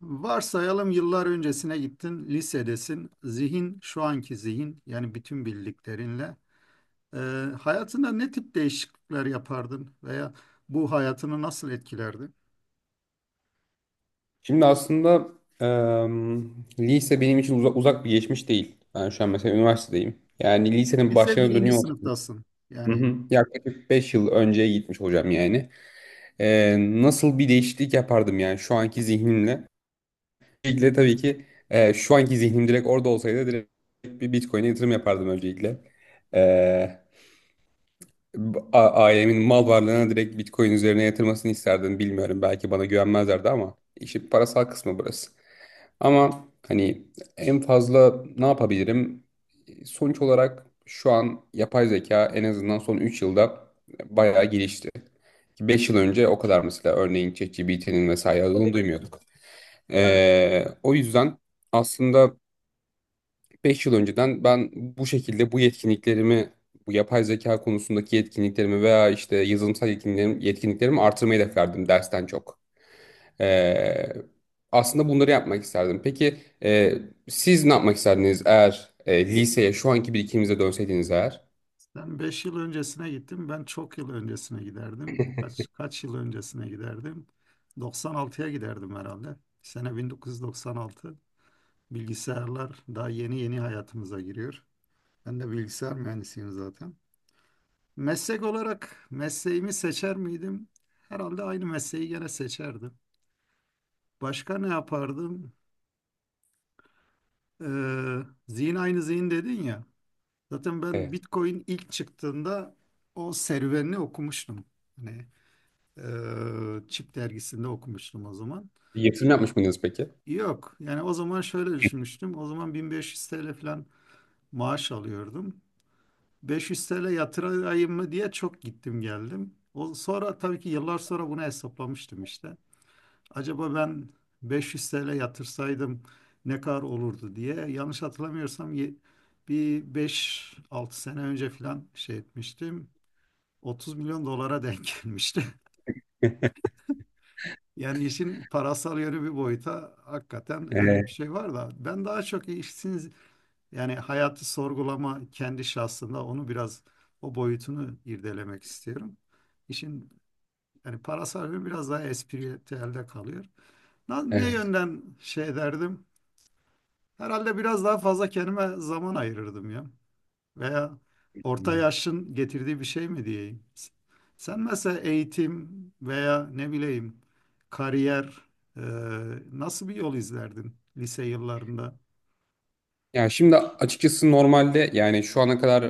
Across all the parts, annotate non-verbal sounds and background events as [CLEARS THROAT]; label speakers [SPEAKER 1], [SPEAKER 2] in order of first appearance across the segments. [SPEAKER 1] Varsayalım yıllar öncesine gittin, lisedesin. Zihin, şu anki zihin yani bütün bildiklerinle. e, Hayatında ne tip değişiklikler yapardın veya bu hayatını nasıl etkilerdi?
[SPEAKER 2] Şimdi aslında lise benim için uzak, uzak bir geçmiş değil. Ben şu an mesela üniversitedeyim. Yani lisenin
[SPEAKER 1] Lise
[SPEAKER 2] başlarına
[SPEAKER 1] birinci
[SPEAKER 2] dönüyor olsaydım.
[SPEAKER 1] sınıftasın.
[SPEAKER 2] Hı
[SPEAKER 1] Yani
[SPEAKER 2] hı. Yaklaşık 5 yıl önceye gitmiş hocam yani. Nasıl bir değişiklik yapardım yani şu anki zihnimle. Öncelikle tabii ki şu anki zihnim direkt orada olsaydı direkt bir Bitcoin'e yatırım yapardım öncelikle. Eee, Ailemin mal varlığına direkt Bitcoin üzerine yatırmasını isterdim. Bilmiyorum, belki bana güvenmezlerdi ama işin parasal kısmı burası. Ama hani en fazla ne yapabilirim? Sonuç olarak şu an yapay zeka en azından son 3 yılda bayağı gelişti. 5 yıl önce o kadar mesela örneğin ChatGPT'nin vesaire adını duymuyorduk. O yüzden aslında 5 yıl önceden ben bu şekilde bu yetkinliklerimi, bu yapay zeka konusundaki yetkinliklerimi veya işte yazılımsal yetkinliklerimi, yetkinliklerimi artırmayı hedeflerdim dersten çok. Ee, Aslında bunları yapmak isterdim. Peki e, siz ne yapmak isterdiniz eğer liseye şu anki birikiminize dönseydiniz eğer?
[SPEAKER 1] sen beş yıl öncesine gittin, ben çok yıl öncesine giderdim. Kaç yıl öncesine giderdim? 96'ya giderdim herhalde. Sene 1996. Bilgisayarlar daha yeni yeni hayatımıza giriyor. Ben de bilgisayar mühendisiyim zaten. Meslek olarak mesleğimi seçer miydim? Herhalde aynı mesleği gene seçerdim. Başka ne yapardım? Zihin aynı zihin dedin ya. Zaten ben
[SPEAKER 2] Evet.
[SPEAKER 1] Bitcoin ilk çıktığında o serüvenini okumuştum. Hani Çip dergisinde okumuştum o zaman.
[SPEAKER 2] Bir yatırım yapmış mıydınız peki?
[SPEAKER 1] Yok, yani o zaman şöyle düşünmüştüm. O zaman 1500 TL falan maaş alıyordum. 500 TL yatırayım mı diye çok gittim geldim. O, sonra tabii ki yıllar sonra bunu hesaplamıştım işte. Acaba ben 500 TL yatırsaydım ne kadar olurdu diye. Yanlış hatırlamıyorsam bir beş altı sene önce falan şey etmiştim. 30 milyon dolara denk [LAUGHS] gelmişti. Yani işin parasal yönü bir boyuta hakikaten öyle bir
[SPEAKER 2] Evet.
[SPEAKER 1] şey var da ben daha çok işsiz yani hayatı sorgulama kendi şahsında onu biraz o boyutunu irdelemek istiyorum. İşin yani parasal yönü biraz daha espritüelde kalıyor. Ne
[SPEAKER 2] Evet.
[SPEAKER 1] yönden şey derdim? Herhalde biraz daha fazla kendime zaman ayırırdım ya. Veya orta yaşın getirdiği bir şey mi diyeyim. Sen mesela eğitim veya ne bileyim kariyer, e, nasıl bir yol izlerdin lise yıllarında?
[SPEAKER 2] Ya şimdi açıkçası normalde yani şu ana kadar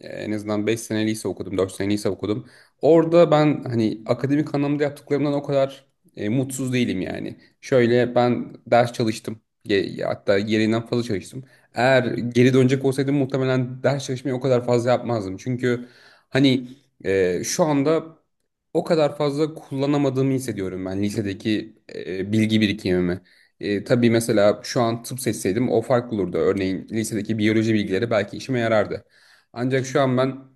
[SPEAKER 2] en azından 5 sene lise okudum, 4 sene lise okudum. Orada ben hani akademik anlamda yaptıklarımdan o kadar mutsuz değilim yani. Şöyle ben ders çalıştım. Hatta gereğinden fazla çalıştım. Eğer geri dönecek olsaydım muhtemelen ders çalışmayı o kadar fazla yapmazdım. Çünkü hani şu anda o kadar fazla kullanamadığımı hissediyorum ben lisedeki bilgi birikimimi. Tabii mesela şu an tıp seçseydim o farklı olurdu. Örneğin lisedeki biyoloji bilgileri belki işime yarardı. Ancak şu an ben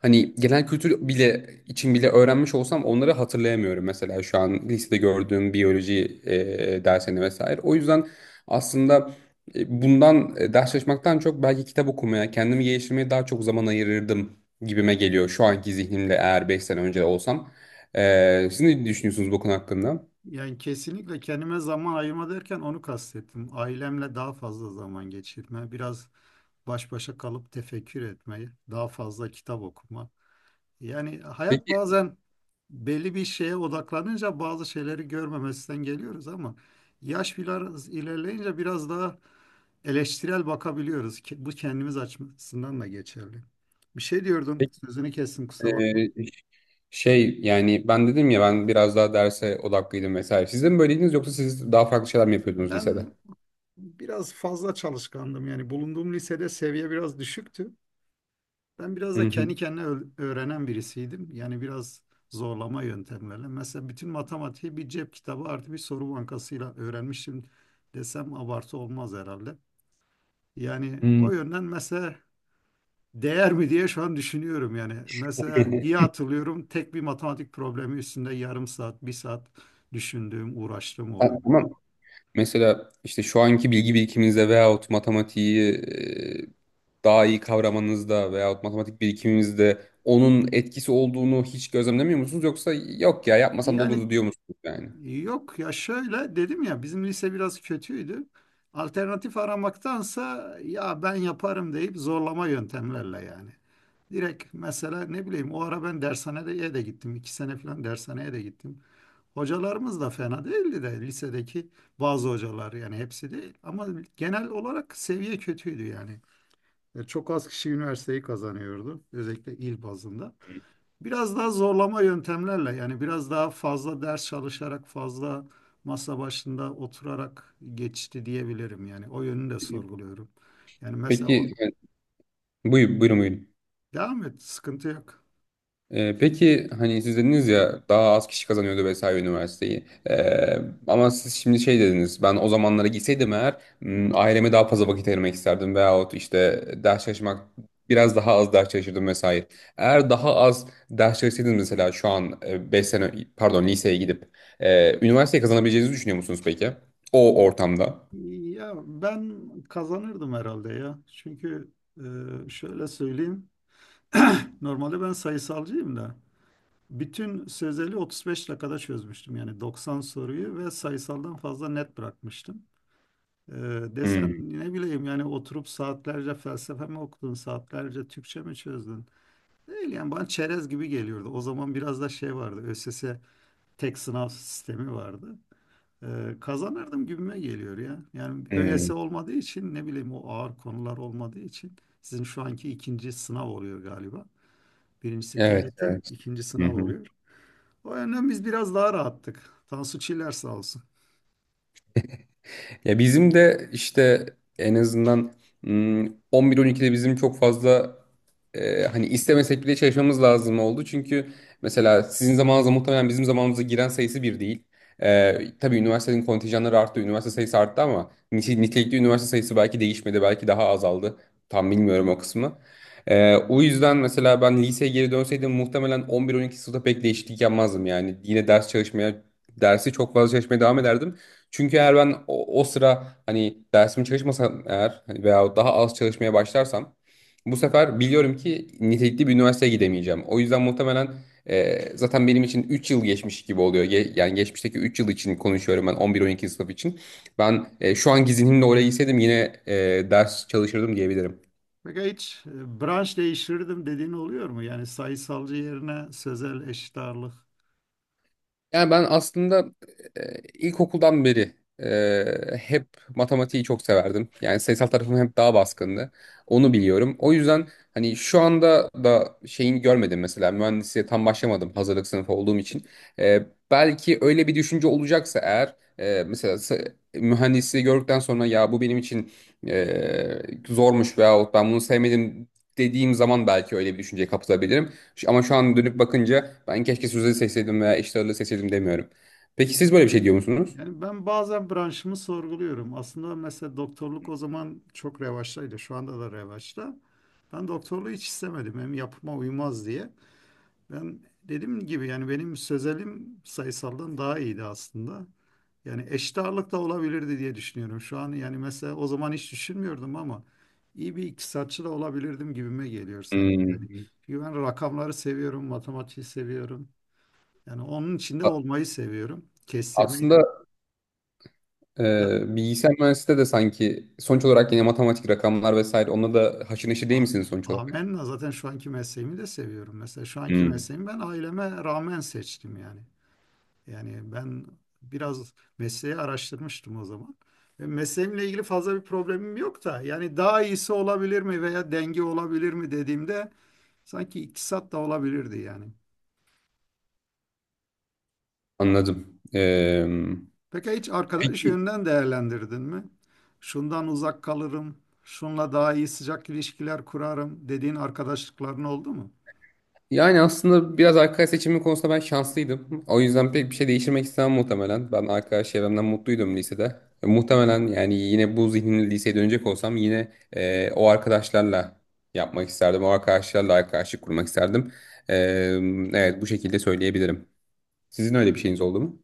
[SPEAKER 2] hani genel kültür bile için bile öğrenmiş olsam onları hatırlayamıyorum. Mesela şu an lisede gördüğüm biyoloji dersini vesaire. O yüzden aslında bundan ders çalışmaktan çok belki kitap okumaya, kendimi geliştirmeye daha çok zaman ayırırdım gibime geliyor. Şu anki zihnimle eğer 5 sene önce olsam. Siz ne düşünüyorsunuz bu konu hakkında?
[SPEAKER 1] Yani kesinlikle kendime zaman ayırma derken onu kastettim. Ailemle daha fazla zaman geçirme, biraz baş başa kalıp tefekkür etmeyi, daha fazla kitap okuma. Yani hayat
[SPEAKER 2] Peki,
[SPEAKER 1] bazen belli bir şeye odaklanınca bazı şeyleri görmemesinden geliyoruz ama yaş biraz ilerleyince biraz daha eleştirel bakabiliyoruz. Ki bu kendimiz açısından da geçerli. Bir şey diyordum, sözünü kestim, kusura bakma.
[SPEAKER 2] peki. Şey yani ben dedim ya ben biraz daha derse odaklıydım vesaire. Siz de mi böyleydiniz yoksa siz daha farklı şeyler mi yapıyordunuz lisede?
[SPEAKER 1] Ben biraz fazla çalışkandım, yani bulunduğum lisede seviye biraz düşüktü. Ben biraz
[SPEAKER 2] Hı
[SPEAKER 1] da
[SPEAKER 2] hı.
[SPEAKER 1] kendi kendine öğrenen birisiydim. Yani biraz zorlama yöntemlerle. Mesela bütün matematiği bir cep kitabı artı bir soru bankasıyla öğrenmiştim desem abartı olmaz herhalde. Yani
[SPEAKER 2] Hı.
[SPEAKER 1] o yönden mesela değer mi diye şu an düşünüyorum yani. Mesela iyi hatırlıyorum, tek bir matematik problemi üstünde yarım saat, bir saat düşündüğüm, uğraştığım
[SPEAKER 2] Ha, [LAUGHS] ama
[SPEAKER 1] oluyordu.
[SPEAKER 2] mesela işte şu anki bilgi birikiminizde veyahut matematiği daha iyi kavramanızda veyahut matematik birikiminizde onun etkisi olduğunu hiç gözlemlemiyor musunuz? Yoksa yok ya yapmasam da
[SPEAKER 1] Yani
[SPEAKER 2] olurdu diyor musunuz yani?
[SPEAKER 1] yok ya, şöyle dedim ya, bizim lise biraz kötüydü. Alternatif aramaktansa ya ben yaparım deyip zorlama yöntemlerle yani. Direkt mesela ne bileyim o ara ben dershaneye de gittim. İki sene falan dershaneye de gittim. Hocalarımız da fena değildi de lisedeki bazı hocalar, yani hepsi değil. Ama genel olarak seviye kötüydü yani. Çok az kişi üniversiteyi kazanıyordu, özellikle il bazında. Biraz daha zorlama yöntemlerle yani biraz daha fazla ders çalışarak, fazla masa başında oturarak geçti diyebilirim yani. O yönünü de sorguluyorum. Yani mesela o,
[SPEAKER 2] Peki yani, buyur, buyurun buyurun.
[SPEAKER 1] devam et, sıkıntı yok.
[SPEAKER 2] Peki hani siz dediniz ya daha az kişi kazanıyordu vesaire üniversiteyi. Ama siz şimdi şey dediniz ben o zamanlara gitseydim eğer aileme daha fazla vakit ayırmak isterdim veyahut işte ders çalışmak biraz daha az ders çalışırdım vesaire. Eğer daha az ders çalışsaydınız mesela şu an 5 sene pardon liseye gidip üniversiteyi kazanabileceğinizi düşünüyor musunuz peki? O ortamda.
[SPEAKER 1] Ya ben kazanırdım herhalde ya. Çünkü şöyle söyleyeyim. [CLEARS THROAT] Normalde ben sayısalcıyım da bütün sözeli 35 dakikada çözmüştüm. Yani 90 soruyu ve sayısaldan fazla net bırakmıştım. Ee,
[SPEAKER 2] Hmm,
[SPEAKER 1] Desen ne bileyim, yani oturup saatlerce felsefe mi okudun, saatlerce Türkçe mi çözdün? Değil yani, bana çerez gibi geliyordu. O zaman biraz da şey vardı, ÖSS tek sınav sistemi vardı. Kazanırdım gibime geliyor ya. Yani ÖSS
[SPEAKER 2] hmm.
[SPEAKER 1] olmadığı için, ne bileyim, o ağır konular olmadığı için sizin şu anki ikinci sınav oluyor galiba. Birincisi
[SPEAKER 2] Evet,
[SPEAKER 1] TYT,
[SPEAKER 2] evet.
[SPEAKER 1] ikinci sınav oluyor. O yönden biz biraz daha rahattık. Tansu Çiller sağ olsun.
[SPEAKER 2] Ya bizim de işte en azından mm, 11-12'de bizim çok fazla hani istemesek bile çalışmamız lazım oldu. Çünkü mesela sizin zamanınızda muhtemelen bizim zamanımıza giren sayısı bir değil. Tabii üniversitenin kontenjanları arttı, üniversite sayısı arttı ama nitelikli üniversite sayısı belki değişmedi, belki daha azaldı. Tam bilmiyorum o kısmı. O yüzden mesela ben liseye geri dönseydim muhtemelen 11-12 sınıfta pek değişiklik yapmazdım yani. Yine ders çalışmaya, dersi çok fazla çalışmaya devam ederdim. Çünkü eğer ben o sıra hani dersimi çalışmasam eğer hani veya daha az çalışmaya başlarsam bu sefer biliyorum ki nitelikli bir üniversiteye gidemeyeceğim. O yüzden muhtemelen zaten benim için 3 yıl geçmiş gibi oluyor. Yani geçmişteki 3 yıl için konuşuyorum ben 11-12 sınıf için. Ben şu anki zihnimle oraya gitseydim yine ders çalışırdım diyebilirim.
[SPEAKER 1] Peki hiç branş değiştirdim dediğin oluyor mu? Yani sayısalcı yerine sözel, eşit ağırlık.
[SPEAKER 2] Yani ben aslında ilkokuldan beri hep matematiği çok severdim. Yani sayısal tarafım hep daha baskındı. Onu biliyorum. O yüzden hani şu anda da şeyini görmedim mesela. Mühendisliğe tam başlamadım hazırlık sınıfı olduğum için. E, Belki öyle bir düşünce olacaksa eğer mesela mühendisliği gördükten sonra ya bu benim için e, zormuş veyahut ben bunu sevmedim dediğim zaman belki öyle bir düşünceye kapılabilirim. Ama şu an dönüp bakınca ben keşke Suze'yi seçseydim veya Eşli Ağırlığı seçseydim demiyorum. Peki siz böyle bir şey diyor musunuz?
[SPEAKER 1] Yani ben bazen branşımı sorguluyorum. Aslında mesela doktorluk o zaman çok revaçtaydı. Şu anda da revaçta. Ben doktorluğu hiç istemedim. Hem yapıma uymaz diye. Ben dediğim gibi, yani benim sözelim sayısaldan daha iyiydi aslında. Yani eşit ağırlık da olabilirdi diye düşünüyorum şu an. Yani mesela o zaman hiç düşünmüyordum ama iyi bir iktisatçı da olabilirdim gibime geliyor sanki. Yani
[SPEAKER 2] Hmm.
[SPEAKER 1] çünkü ben rakamları seviyorum, matematiği seviyorum. Yani onun içinde
[SPEAKER 2] A-
[SPEAKER 1] olmayı seviyorum. Kestirmeyi de.
[SPEAKER 2] Aslında
[SPEAKER 1] Ya,
[SPEAKER 2] bilgisayar mühendisliğinde de sanki sonuç olarak yine matematik, rakamlar vesaire onunla da haşır neşir değil
[SPEAKER 1] a-
[SPEAKER 2] misiniz sonuç olarak?
[SPEAKER 1] amenna, zaten şu anki mesleğimi de seviyorum. Mesela şu anki
[SPEAKER 2] Hmm.
[SPEAKER 1] mesleğimi ben aileme rağmen seçtim yani. Yani ben biraz mesleği araştırmıştım o zaman. Ve mesleğimle ilgili fazla bir problemim yok da yani daha iyisi olabilir mi veya denge olabilir mi dediğimde sanki iktisat da olabilirdi yani.
[SPEAKER 2] Anladım. E,
[SPEAKER 1] Peki hiç arkadaş
[SPEAKER 2] peki
[SPEAKER 1] yönünden değerlendirdin mi? Şundan uzak kalırım, şunla daha iyi sıcak ilişkiler kurarım dediğin arkadaşlıkların oldu mu?
[SPEAKER 2] Yani aslında biraz arkadaş seçimi konusunda ben şanslıydım. O yüzden pek bir şey değiştirmek istemem muhtemelen. Ben arkadaş çevremden mutluydum lisede. Muhtemelen yani yine bu zihinle liseye dönecek olsam yine o arkadaşlarla yapmak isterdim. O arkadaşlarla arkadaşlık kurmak isterdim. E, evet, bu şekilde söyleyebilirim. Sizin öyle bir şeyiniz oldu mu?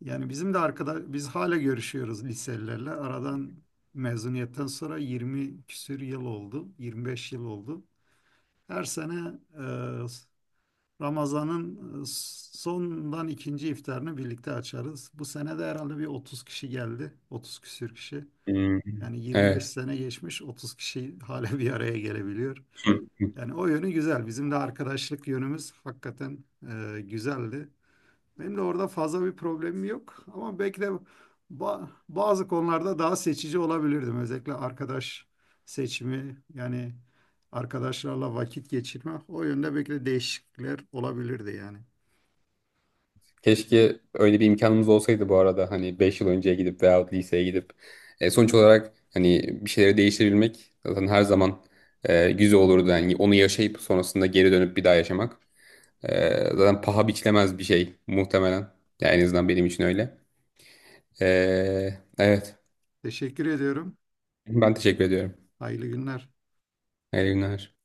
[SPEAKER 1] Yani bizim de arkadaş, biz hala görüşüyoruz liselilerle. Aradan, mezuniyetten sonra 20 küsür yıl oldu, 25 yıl oldu. Her sene Ramazan'ın e, sondan ikinci iftarını birlikte açarız. Bu sene de herhalde bir 30 kişi geldi. 30 küsür kişi.
[SPEAKER 2] Hmm,
[SPEAKER 1] Yani 25
[SPEAKER 2] evet.
[SPEAKER 1] sene geçmiş, 30 kişi [LAUGHS] hala bir araya gelebiliyor. Yani o yönü güzel. Bizim de arkadaşlık yönümüz hakikaten güzeldi. Benim de orada fazla bir problemim yok ama belki de bazı konularda daha seçici olabilirdim. Özellikle arkadaş seçimi, yani arkadaşlarla vakit geçirme, o yönde belki de değişiklikler olabilirdi yani.
[SPEAKER 2] Keşke öyle bir imkanımız olsaydı bu arada hani 5 yıl önceye gidip veyahut liseye gidip. Sonuç olarak hani bir şeyleri değiştirebilmek zaten her zaman güzel olurdu. Yani onu yaşayıp sonrasında geri dönüp bir daha yaşamak. Zaten paha biçilemez bir şey muhtemelen. Yani en azından benim için öyle. E, evet,
[SPEAKER 1] Teşekkür ediyorum.
[SPEAKER 2] ben teşekkür ediyorum.
[SPEAKER 1] Hayırlı günler.
[SPEAKER 2] Hayırlı günler.